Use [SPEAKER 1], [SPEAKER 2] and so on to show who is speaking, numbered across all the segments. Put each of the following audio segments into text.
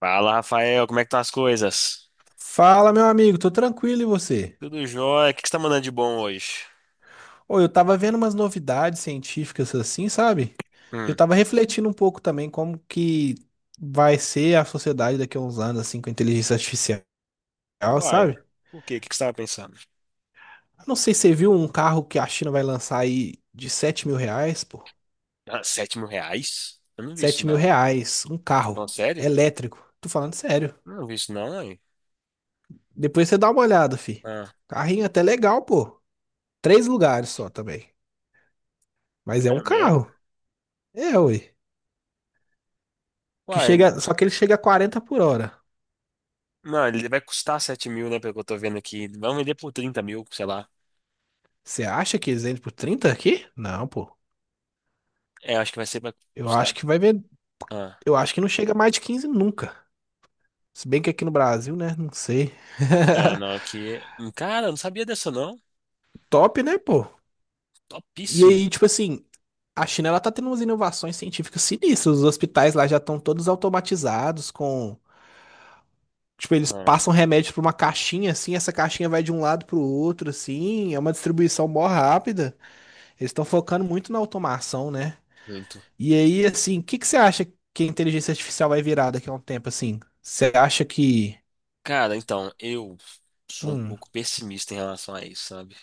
[SPEAKER 1] Fala, Rafael, como é que estão as coisas?
[SPEAKER 2] Fala, meu amigo, tô tranquilo e você?
[SPEAKER 1] Tudo jóia? O que que você tá mandando de bom hoje?
[SPEAKER 2] Ô, eu tava vendo umas novidades científicas assim, sabe? Eu
[SPEAKER 1] Hum.
[SPEAKER 2] tava refletindo um pouco também como que vai ser a sociedade daqui a uns anos assim com inteligência artificial,
[SPEAKER 1] Uai,
[SPEAKER 2] sabe?
[SPEAKER 1] por quê? O que que você tava pensando?
[SPEAKER 2] Não sei se você viu um carro que a China vai lançar aí de R$ 7.000, pô.
[SPEAKER 1] Ah, sete mil reais? Eu não vi isso,
[SPEAKER 2] 7 mil
[SPEAKER 1] não.
[SPEAKER 2] reais, um
[SPEAKER 1] Não,
[SPEAKER 2] carro
[SPEAKER 1] sério?
[SPEAKER 2] elétrico. Tô falando sério.
[SPEAKER 1] Eu não vi isso, não, aí.
[SPEAKER 2] Depois você dá uma olhada, fi.
[SPEAKER 1] Ah,
[SPEAKER 2] Carrinho até legal, pô. 3 lugares só também. Mas é um
[SPEAKER 1] é mesmo?
[SPEAKER 2] carro. É, ui. Que
[SPEAKER 1] Uai,
[SPEAKER 2] chega, só que ele chega a 40 por hora.
[SPEAKER 1] não, ele vai custar sete mil, né, pelo que eu tô vendo aqui. Vão vender por trinta mil, sei lá.
[SPEAKER 2] Você acha que eles entram por 30 aqui? Não, pô.
[SPEAKER 1] É, acho que vai ser pra
[SPEAKER 2] Eu acho
[SPEAKER 1] custar.
[SPEAKER 2] que vai ver.
[SPEAKER 1] Ah,
[SPEAKER 2] Eu acho que não chega mais de 15 nunca. Se bem que aqui no Brasil, né? Não sei.
[SPEAKER 1] ah, não, aqui... Cara, eu não sabia dessa, não.
[SPEAKER 2] Top, né, pô? E
[SPEAKER 1] Topíssimo.
[SPEAKER 2] aí, tipo assim, a China ela tá tendo umas inovações científicas sinistras. Os hospitais lá já estão todos automatizados com. Tipo, eles
[SPEAKER 1] Ah,
[SPEAKER 2] passam remédio pra uma caixinha, assim, essa caixinha vai de um lado pro outro, assim, é uma distribuição mó rápida. Eles estão focando muito na automação, né?
[SPEAKER 1] muito.
[SPEAKER 2] E aí, assim, o que que você acha que a inteligência artificial vai virar daqui a um tempo, assim? Você acha que.
[SPEAKER 1] Cara, então, eu sou um
[SPEAKER 2] Hum,
[SPEAKER 1] pouco pessimista em relação a isso, sabe?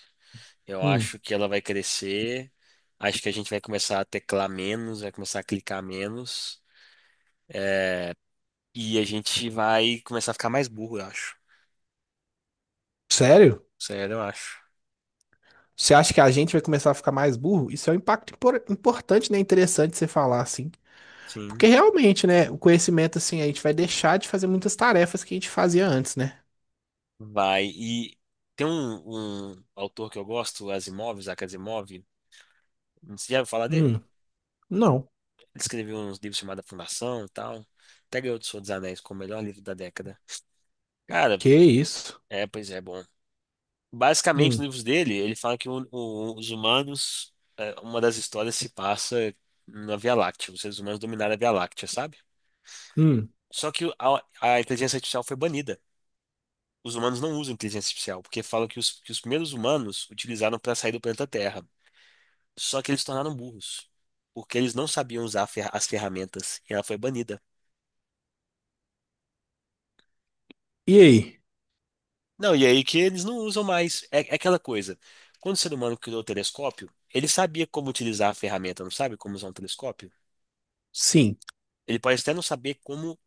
[SPEAKER 1] Eu
[SPEAKER 2] hum,
[SPEAKER 1] acho que ela vai crescer. Acho que a gente vai começar a teclar menos, vai começar a clicar menos. É, e a gente vai começar a ficar mais burro, eu acho.
[SPEAKER 2] sério?
[SPEAKER 1] Sério, eu acho.
[SPEAKER 2] Você acha que a gente vai começar a ficar mais burro? Isso é um impacto importante, né? Interessante você falar, assim. Porque
[SPEAKER 1] Sim,
[SPEAKER 2] realmente, né? O conhecimento, assim, a gente vai deixar de fazer muitas tarefas que a gente fazia antes, né?
[SPEAKER 1] vai. E tem um autor que eu gosto, Asimov, Isaac Asimov. Você já ouviu falar dele?
[SPEAKER 2] Hum, não.
[SPEAKER 1] Ele escreveu uns livros chamados A Fundação e tal. Até ganhou do Senhor dos Anéis como o melhor livro da década. Cara,
[SPEAKER 2] Que isso?
[SPEAKER 1] é, pois é, bom. Basicamente, nos
[SPEAKER 2] Hum,
[SPEAKER 1] livros dele, ele fala que os humanos, uma das histórias se passa na Via Láctea. Os seres humanos dominaram a Via Láctea, sabe?
[SPEAKER 2] hum.
[SPEAKER 1] Só que a inteligência artificial foi banida. Os humanos não usam inteligência artificial, porque falam que os primeiros humanos utilizaram para sair do planeta Terra. Só que eles se tornaram burros, porque eles não sabiam usar as ferramentas, e ela foi banida.
[SPEAKER 2] E aí?
[SPEAKER 1] Não, e aí que eles não usam mais. É, é aquela coisa. Quando o ser humano criou o telescópio, ele sabia como utilizar a ferramenta, não sabe como usar um telescópio?
[SPEAKER 2] Sim,
[SPEAKER 1] Ele pode até não saber como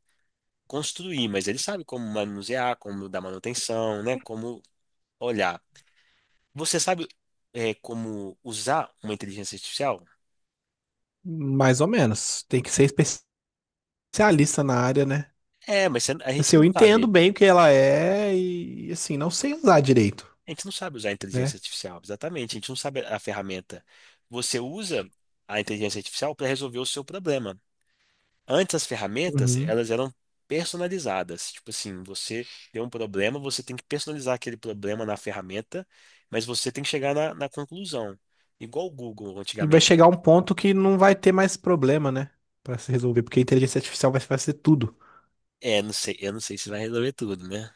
[SPEAKER 1] construir, mas ele sabe como manusear, como dar manutenção, né? Como olhar. Você sabe, como usar uma inteligência artificial?
[SPEAKER 2] mais ou menos. Tem que ser especialista na área, né?
[SPEAKER 1] É, mas a gente
[SPEAKER 2] Assim, eu
[SPEAKER 1] não
[SPEAKER 2] entendo
[SPEAKER 1] sabe.
[SPEAKER 2] bem o que ela é e, assim, não sei usar direito,
[SPEAKER 1] A gente não sabe usar a inteligência
[SPEAKER 2] né?
[SPEAKER 1] artificial, exatamente. A gente não sabe a ferramenta. Você usa a inteligência artificial para resolver o seu problema. Antes as ferramentas,
[SPEAKER 2] Uhum.
[SPEAKER 1] elas eram personalizadas. Tipo assim, você tem um problema, você tem que personalizar aquele problema na ferramenta, mas você tem que chegar na conclusão. Igual o Google
[SPEAKER 2] E vai
[SPEAKER 1] antigamente.
[SPEAKER 2] chegar um ponto que não vai ter mais problema, né? Pra se resolver, porque a inteligência artificial vai fazer tudo.
[SPEAKER 1] É, não sei, eu não sei se vai resolver tudo, né?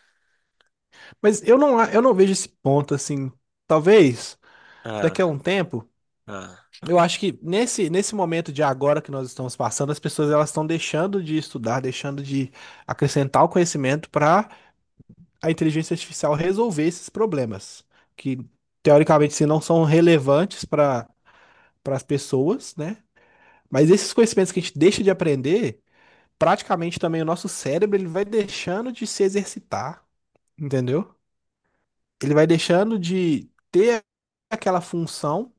[SPEAKER 2] Mas eu não, eu não vejo esse ponto, assim. Talvez
[SPEAKER 1] Ah,
[SPEAKER 2] daqui a um tempo,
[SPEAKER 1] ah.
[SPEAKER 2] eu acho que nesse, nesse momento de agora que nós estamos passando, as pessoas elas estão deixando de estudar, deixando de acrescentar o conhecimento para a inteligência artificial resolver esses problemas, que teoricamente se não são relevantes para as pessoas, né? Mas esses conhecimentos que a gente deixa de aprender, praticamente também o nosso cérebro ele vai deixando de se exercitar, entendeu? Ele vai deixando de ter aquela função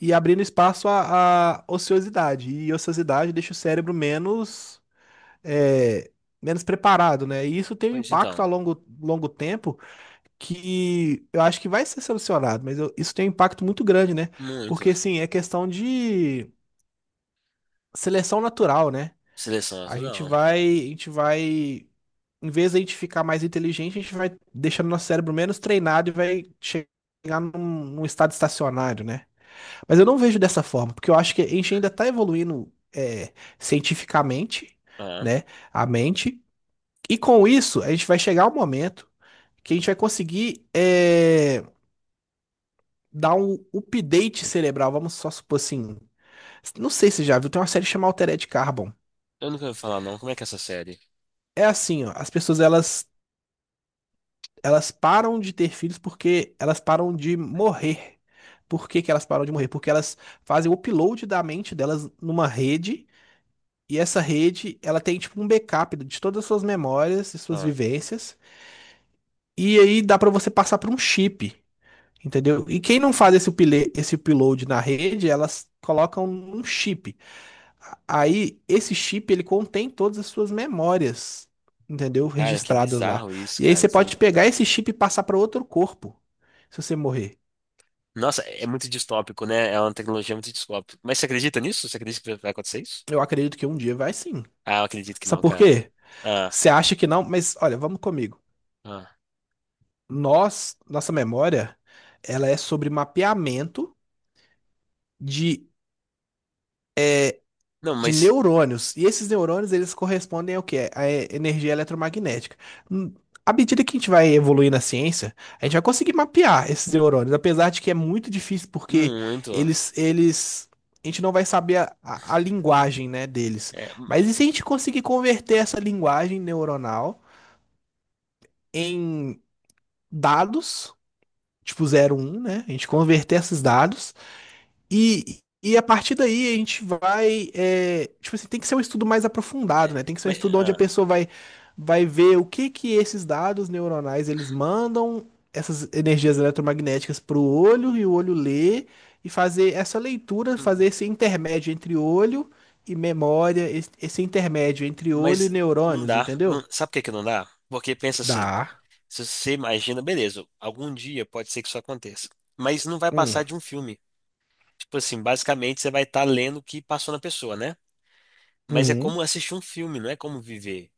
[SPEAKER 2] e abrindo espaço à, ociosidade. E ociosidade deixa o cérebro menos, é, menos preparado, né? E isso tem um
[SPEAKER 1] Pois
[SPEAKER 2] impacto
[SPEAKER 1] então,
[SPEAKER 2] a longo, longo tempo que eu acho que vai ser solucionado, mas isso tem um impacto muito grande, né?
[SPEAKER 1] muito.
[SPEAKER 2] Porque, assim, é questão de seleção natural, né?
[SPEAKER 1] Seleção
[SPEAKER 2] A gente
[SPEAKER 1] natural.
[SPEAKER 2] vai, a gente vai, em vez de a gente ficar mais inteligente, a gente vai deixando nosso cérebro menos treinado e vai chegar num, num estado estacionário, né? Mas eu não vejo dessa forma, porque eu acho que a gente ainda está evoluindo cientificamente,
[SPEAKER 1] Ah,
[SPEAKER 2] né, a mente, e com isso a gente vai chegar um momento que a gente vai conseguir dar um update cerebral, vamos só supor assim, não sei se você já viu, tem uma série chamada Altered Carbon.
[SPEAKER 1] eu nunca ouvi falar não. Como é que é essa série?
[SPEAKER 2] É assim, ó, as pessoas elas param de ter filhos porque elas param de morrer. Por que que elas param de morrer? Porque elas fazem o upload da mente delas numa rede, e essa rede, ela tem tipo um backup de todas as suas memórias e suas
[SPEAKER 1] Ah,
[SPEAKER 2] vivências, e aí dá pra você passar por um chip, entendeu? E quem não faz esse upload na rede, elas colocam um chip. Aí, esse chip, ele contém todas as suas memórias, entendeu?
[SPEAKER 1] cara, que
[SPEAKER 2] Registradas lá.
[SPEAKER 1] bizarro isso,
[SPEAKER 2] E aí
[SPEAKER 1] cara.
[SPEAKER 2] você
[SPEAKER 1] Isso é
[SPEAKER 2] pode
[SPEAKER 1] muito
[SPEAKER 2] pegar
[SPEAKER 1] bizarro.
[SPEAKER 2] esse chip e passar para outro corpo, se você morrer.
[SPEAKER 1] Nossa, é muito distópico, né? É uma tecnologia muito distópica. Mas você acredita nisso? Você acredita que vai acontecer isso?
[SPEAKER 2] Eu acredito que um dia vai sim.
[SPEAKER 1] Ah, eu acredito que
[SPEAKER 2] Sabe
[SPEAKER 1] não,
[SPEAKER 2] por
[SPEAKER 1] cara.
[SPEAKER 2] quê?
[SPEAKER 1] Ah,
[SPEAKER 2] Você acha que não, mas olha, vamos comigo.
[SPEAKER 1] ah.
[SPEAKER 2] Nós, nossa memória, ela é sobre mapeamento de
[SPEAKER 1] Não, mas
[SPEAKER 2] neurônios. E esses neurônios, eles correspondem ao quê? À energia eletromagnética. Hum. À medida que a gente vai evoluir na ciência, a gente vai conseguir mapear esses neurônios, apesar de que é muito difícil porque
[SPEAKER 1] muito.
[SPEAKER 2] eles, a gente não vai saber a, a linguagem, né, deles.
[SPEAKER 1] É,
[SPEAKER 2] Mas e se a gente conseguir converter essa linguagem neuronal em dados, tipo zero um né? A gente converter esses dados e a partir daí a gente vai. Tipo assim, tem que ser um estudo mais aprofundado, né? Tem que ser um
[SPEAKER 1] mas,
[SPEAKER 2] estudo onde a
[SPEAKER 1] ah,
[SPEAKER 2] pessoa vai, vai ver o que que esses dados neuronais eles mandam essas energias eletromagnéticas para o olho e o olho lê e fazer essa leitura,
[SPEAKER 1] hum,
[SPEAKER 2] fazer esse intermédio entre olho e memória, esse intermédio entre olho e
[SPEAKER 1] mas não
[SPEAKER 2] neurônios,
[SPEAKER 1] dá.
[SPEAKER 2] entendeu?
[SPEAKER 1] Sabe por que que não dá? Porque pensa assim,
[SPEAKER 2] Dá.
[SPEAKER 1] se você imagina, beleza, algum dia pode ser que isso aconteça. Mas não vai passar
[SPEAKER 2] Hum.
[SPEAKER 1] de um filme. Tipo assim, basicamente você vai estar lendo o que passou na pessoa, né? Mas é
[SPEAKER 2] Uhum.
[SPEAKER 1] como assistir um filme, não é como viver.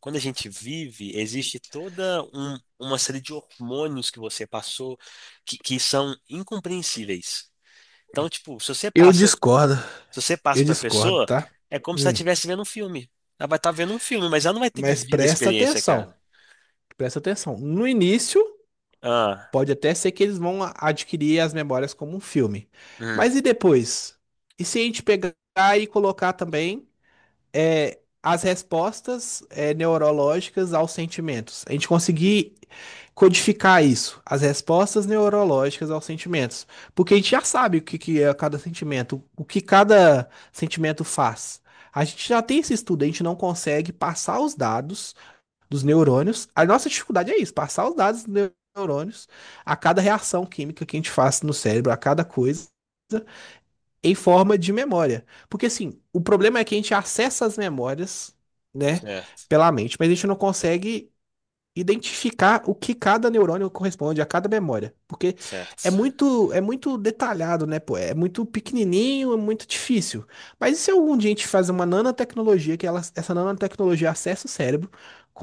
[SPEAKER 1] Quando a gente vive, existe uma série de hormônios que você passou que são incompreensíveis. Então, tipo,
[SPEAKER 2] Eu discordo.
[SPEAKER 1] se você passa
[SPEAKER 2] Eu
[SPEAKER 1] pra
[SPEAKER 2] discordo,
[SPEAKER 1] pessoa,
[SPEAKER 2] tá?
[SPEAKER 1] é como se ela
[SPEAKER 2] Hum.
[SPEAKER 1] estivesse vendo um filme. Ela vai estar vendo um filme, mas ela não vai ter
[SPEAKER 2] Mas
[SPEAKER 1] vivido a
[SPEAKER 2] presta
[SPEAKER 1] experiência,
[SPEAKER 2] atenção.
[SPEAKER 1] cara.
[SPEAKER 2] Presta atenção. No início,
[SPEAKER 1] Ah,
[SPEAKER 2] pode até ser que eles vão adquirir as memórias como um filme.
[SPEAKER 1] hum,
[SPEAKER 2] Mas e depois? E se a gente pegar e colocar também as respostas neurológicas aos sentimentos? A gente conseguir codificar isso, as respostas neurológicas aos sentimentos. Porque a gente já sabe que é cada sentimento, o que cada sentimento faz. A gente já tem esse estudo, a gente não consegue passar os dados dos neurônios. A nossa dificuldade é isso, passar os dados dos neurônios a cada reação química que a gente faz no cérebro, a cada coisa, em forma de memória. Porque assim, o problema é que a gente acessa as memórias, né,
[SPEAKER 1] certo,
[SPEAKER 2] pela mente, mas a gente não consegue identificar o que cada neurônio corresponde a cada memória, porque
[SPEAKER 1] certo.
[SPEAKER 2] é muito detalhado, né, pô? É muito pequenininho, é muito difícil. Mas e se algum dia a gente faz uma nanotecnologia que ela, essa nanotecnologia acessa o cérebro,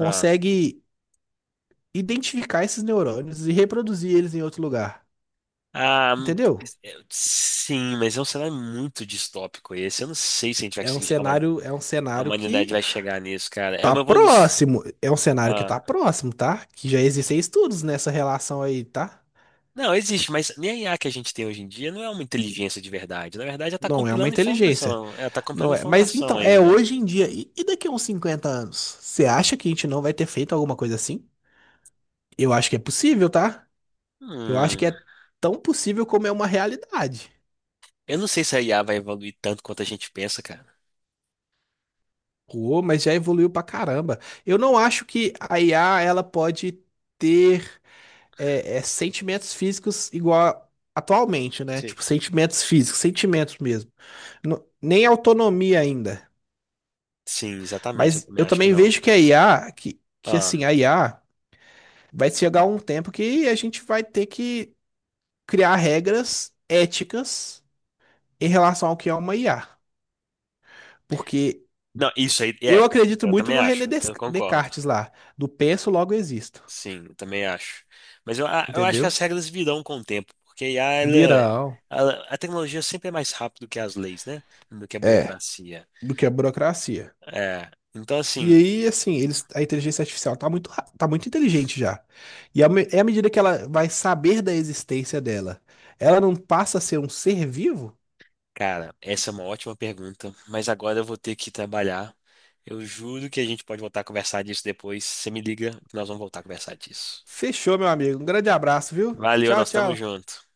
[SPEAKER 1] Ah,
[SPEAKER 2] identificar esses neurônios e reproduzir eles em outro lugar.
[SPEAKER 1] ah,
[SPEAKER 2] Entendeu?
[SPEAKER 1] é, sim, mas é um cenário muito distópico esse. Eu não sei se a gente vai conseguir, a huma-
[SPEAKER 2] É um
[SPEAKER 1] A
[SPEAKER 2] cenário
[SPEAKER 1] humanidade
[SPEAKER 2] que
[SPEAKER 1] vai chegar nisso, cara. É
[SPEAKER 2] tá
[SPEAKER 1] uma evolução.
[SPEAKER 2] próximo. É um cenário que
[SPEAKER 1] Ah,
[SPEAKER 2] tá próximo, tá? Que já existem estudos nessa relação aí, tá?
[SPEAKER 1] não, existe, mas nem a IA que a gente tem hoje em dia não é uma inteligência de verdade. Na verdade, ela tá
[SPEAKER 2] Não é uma
[SPEAKER 1] compilando
[SPEAKER 2] inteligência.
[SPEAKER 1] informação. Ela tá compilando
[SPEAKER 2] Não é. Mas
[SPEAKER 1] informação
[SPEAKER 2] então, é
[SPEAKER 1] ainda.
[SPEAKER 2] hoje em dia. E daqui a uns 50 anos? Você acha que a gente não vai ter feito alguma coisa assim? Eu acho que é possível, tá? Eu acho que
[SPEAKER 1] Hum.
[SPEAKER 2] é tão possível como é uma realidade.
[SPEAKER 1] Eu não sei se a IA vai evoluir tanto quanto a gente pensa, cara.
[SPEAKER 2] Pô, mas já evoluiu pra caramba. Eu não acho que a IA ela pode ter é sentimentos físicos igual atualmente, né?
[SPEAKER 1] Sei.
[SPEAKER 2] Tipo, sentimentos físicos, sentimentos mesmo. Nem autonomia ainda.
[SPEAKER 1] Sim, exatamente. Eu
[SPEAKER 2] Mas
[SPEAKER 1] também
[SPEAKER 2] eu
[SPEAKER 1] acho que
[SPEAKER 2] também
[SPEAKER 1] não.
[SPEAKER 2] vejo que a IA, que
[SPEAKER 1] Ah,
[SPEAKER 2] assim, a IA vai chegar um tempo que a gente vai ter que criar regras éticas em relação ao que é uma IA. Porque
[SPEAKER 1] não, isso aí, é,
[SPEAKER 2] eu acredito
[SPEAKER 1] eu
[SPEAKER 2] muito
[SPEAKER 1] também
[SPEAKER 2] no René
[SPEAKER 1] acho, eu concordo.
[SPEAKER 2] Descartes lá, do penso, logo existo,
[SPEAKER 1] Sim, eu também acho. Mas eu, eu acho que as
[SPEAKER 2] entendeu?
[SPEAKER 1] regras virão com o tempo, porque a IA,
[SPEAKER 2] Viral.
[SPEAKER 1] a tecnologia sempre é mais rápida do que as leis, né? Do que a
[SPEAKER 2] É,
[SPEAKER 1] burocracia.
[SPEAKER 2] do que a burocracia.
[SPEAKER 1] É, então,
[SPEAKER 2] E
[SPEAKER 1] assim,
[SPEAKER 2] aí, assim, eles, a inteligência artificial tá muito, tá muito inteligente já. E é à medida que ela vai saber da existência dela, ela não passa a ser um ser vivo?
[SPEAKER 1] cara, essa é uma ótima pergunta, mas agora eu vou ter que trabalhar. Eu juro que a gente pode voltar a conversar disso depois. Você me liga que nós vamos voltar a conversar disso.
[SPEAKER 2] Fechou, meu amigo. Um grande abraço, viu?
[SPEAKER 1] Valeu,
[SPEAKER 2] Tchau,
[SPEAKER 1] nós estamos
[SPEAKER 2] tchau.
[SPEAKER 1] juntos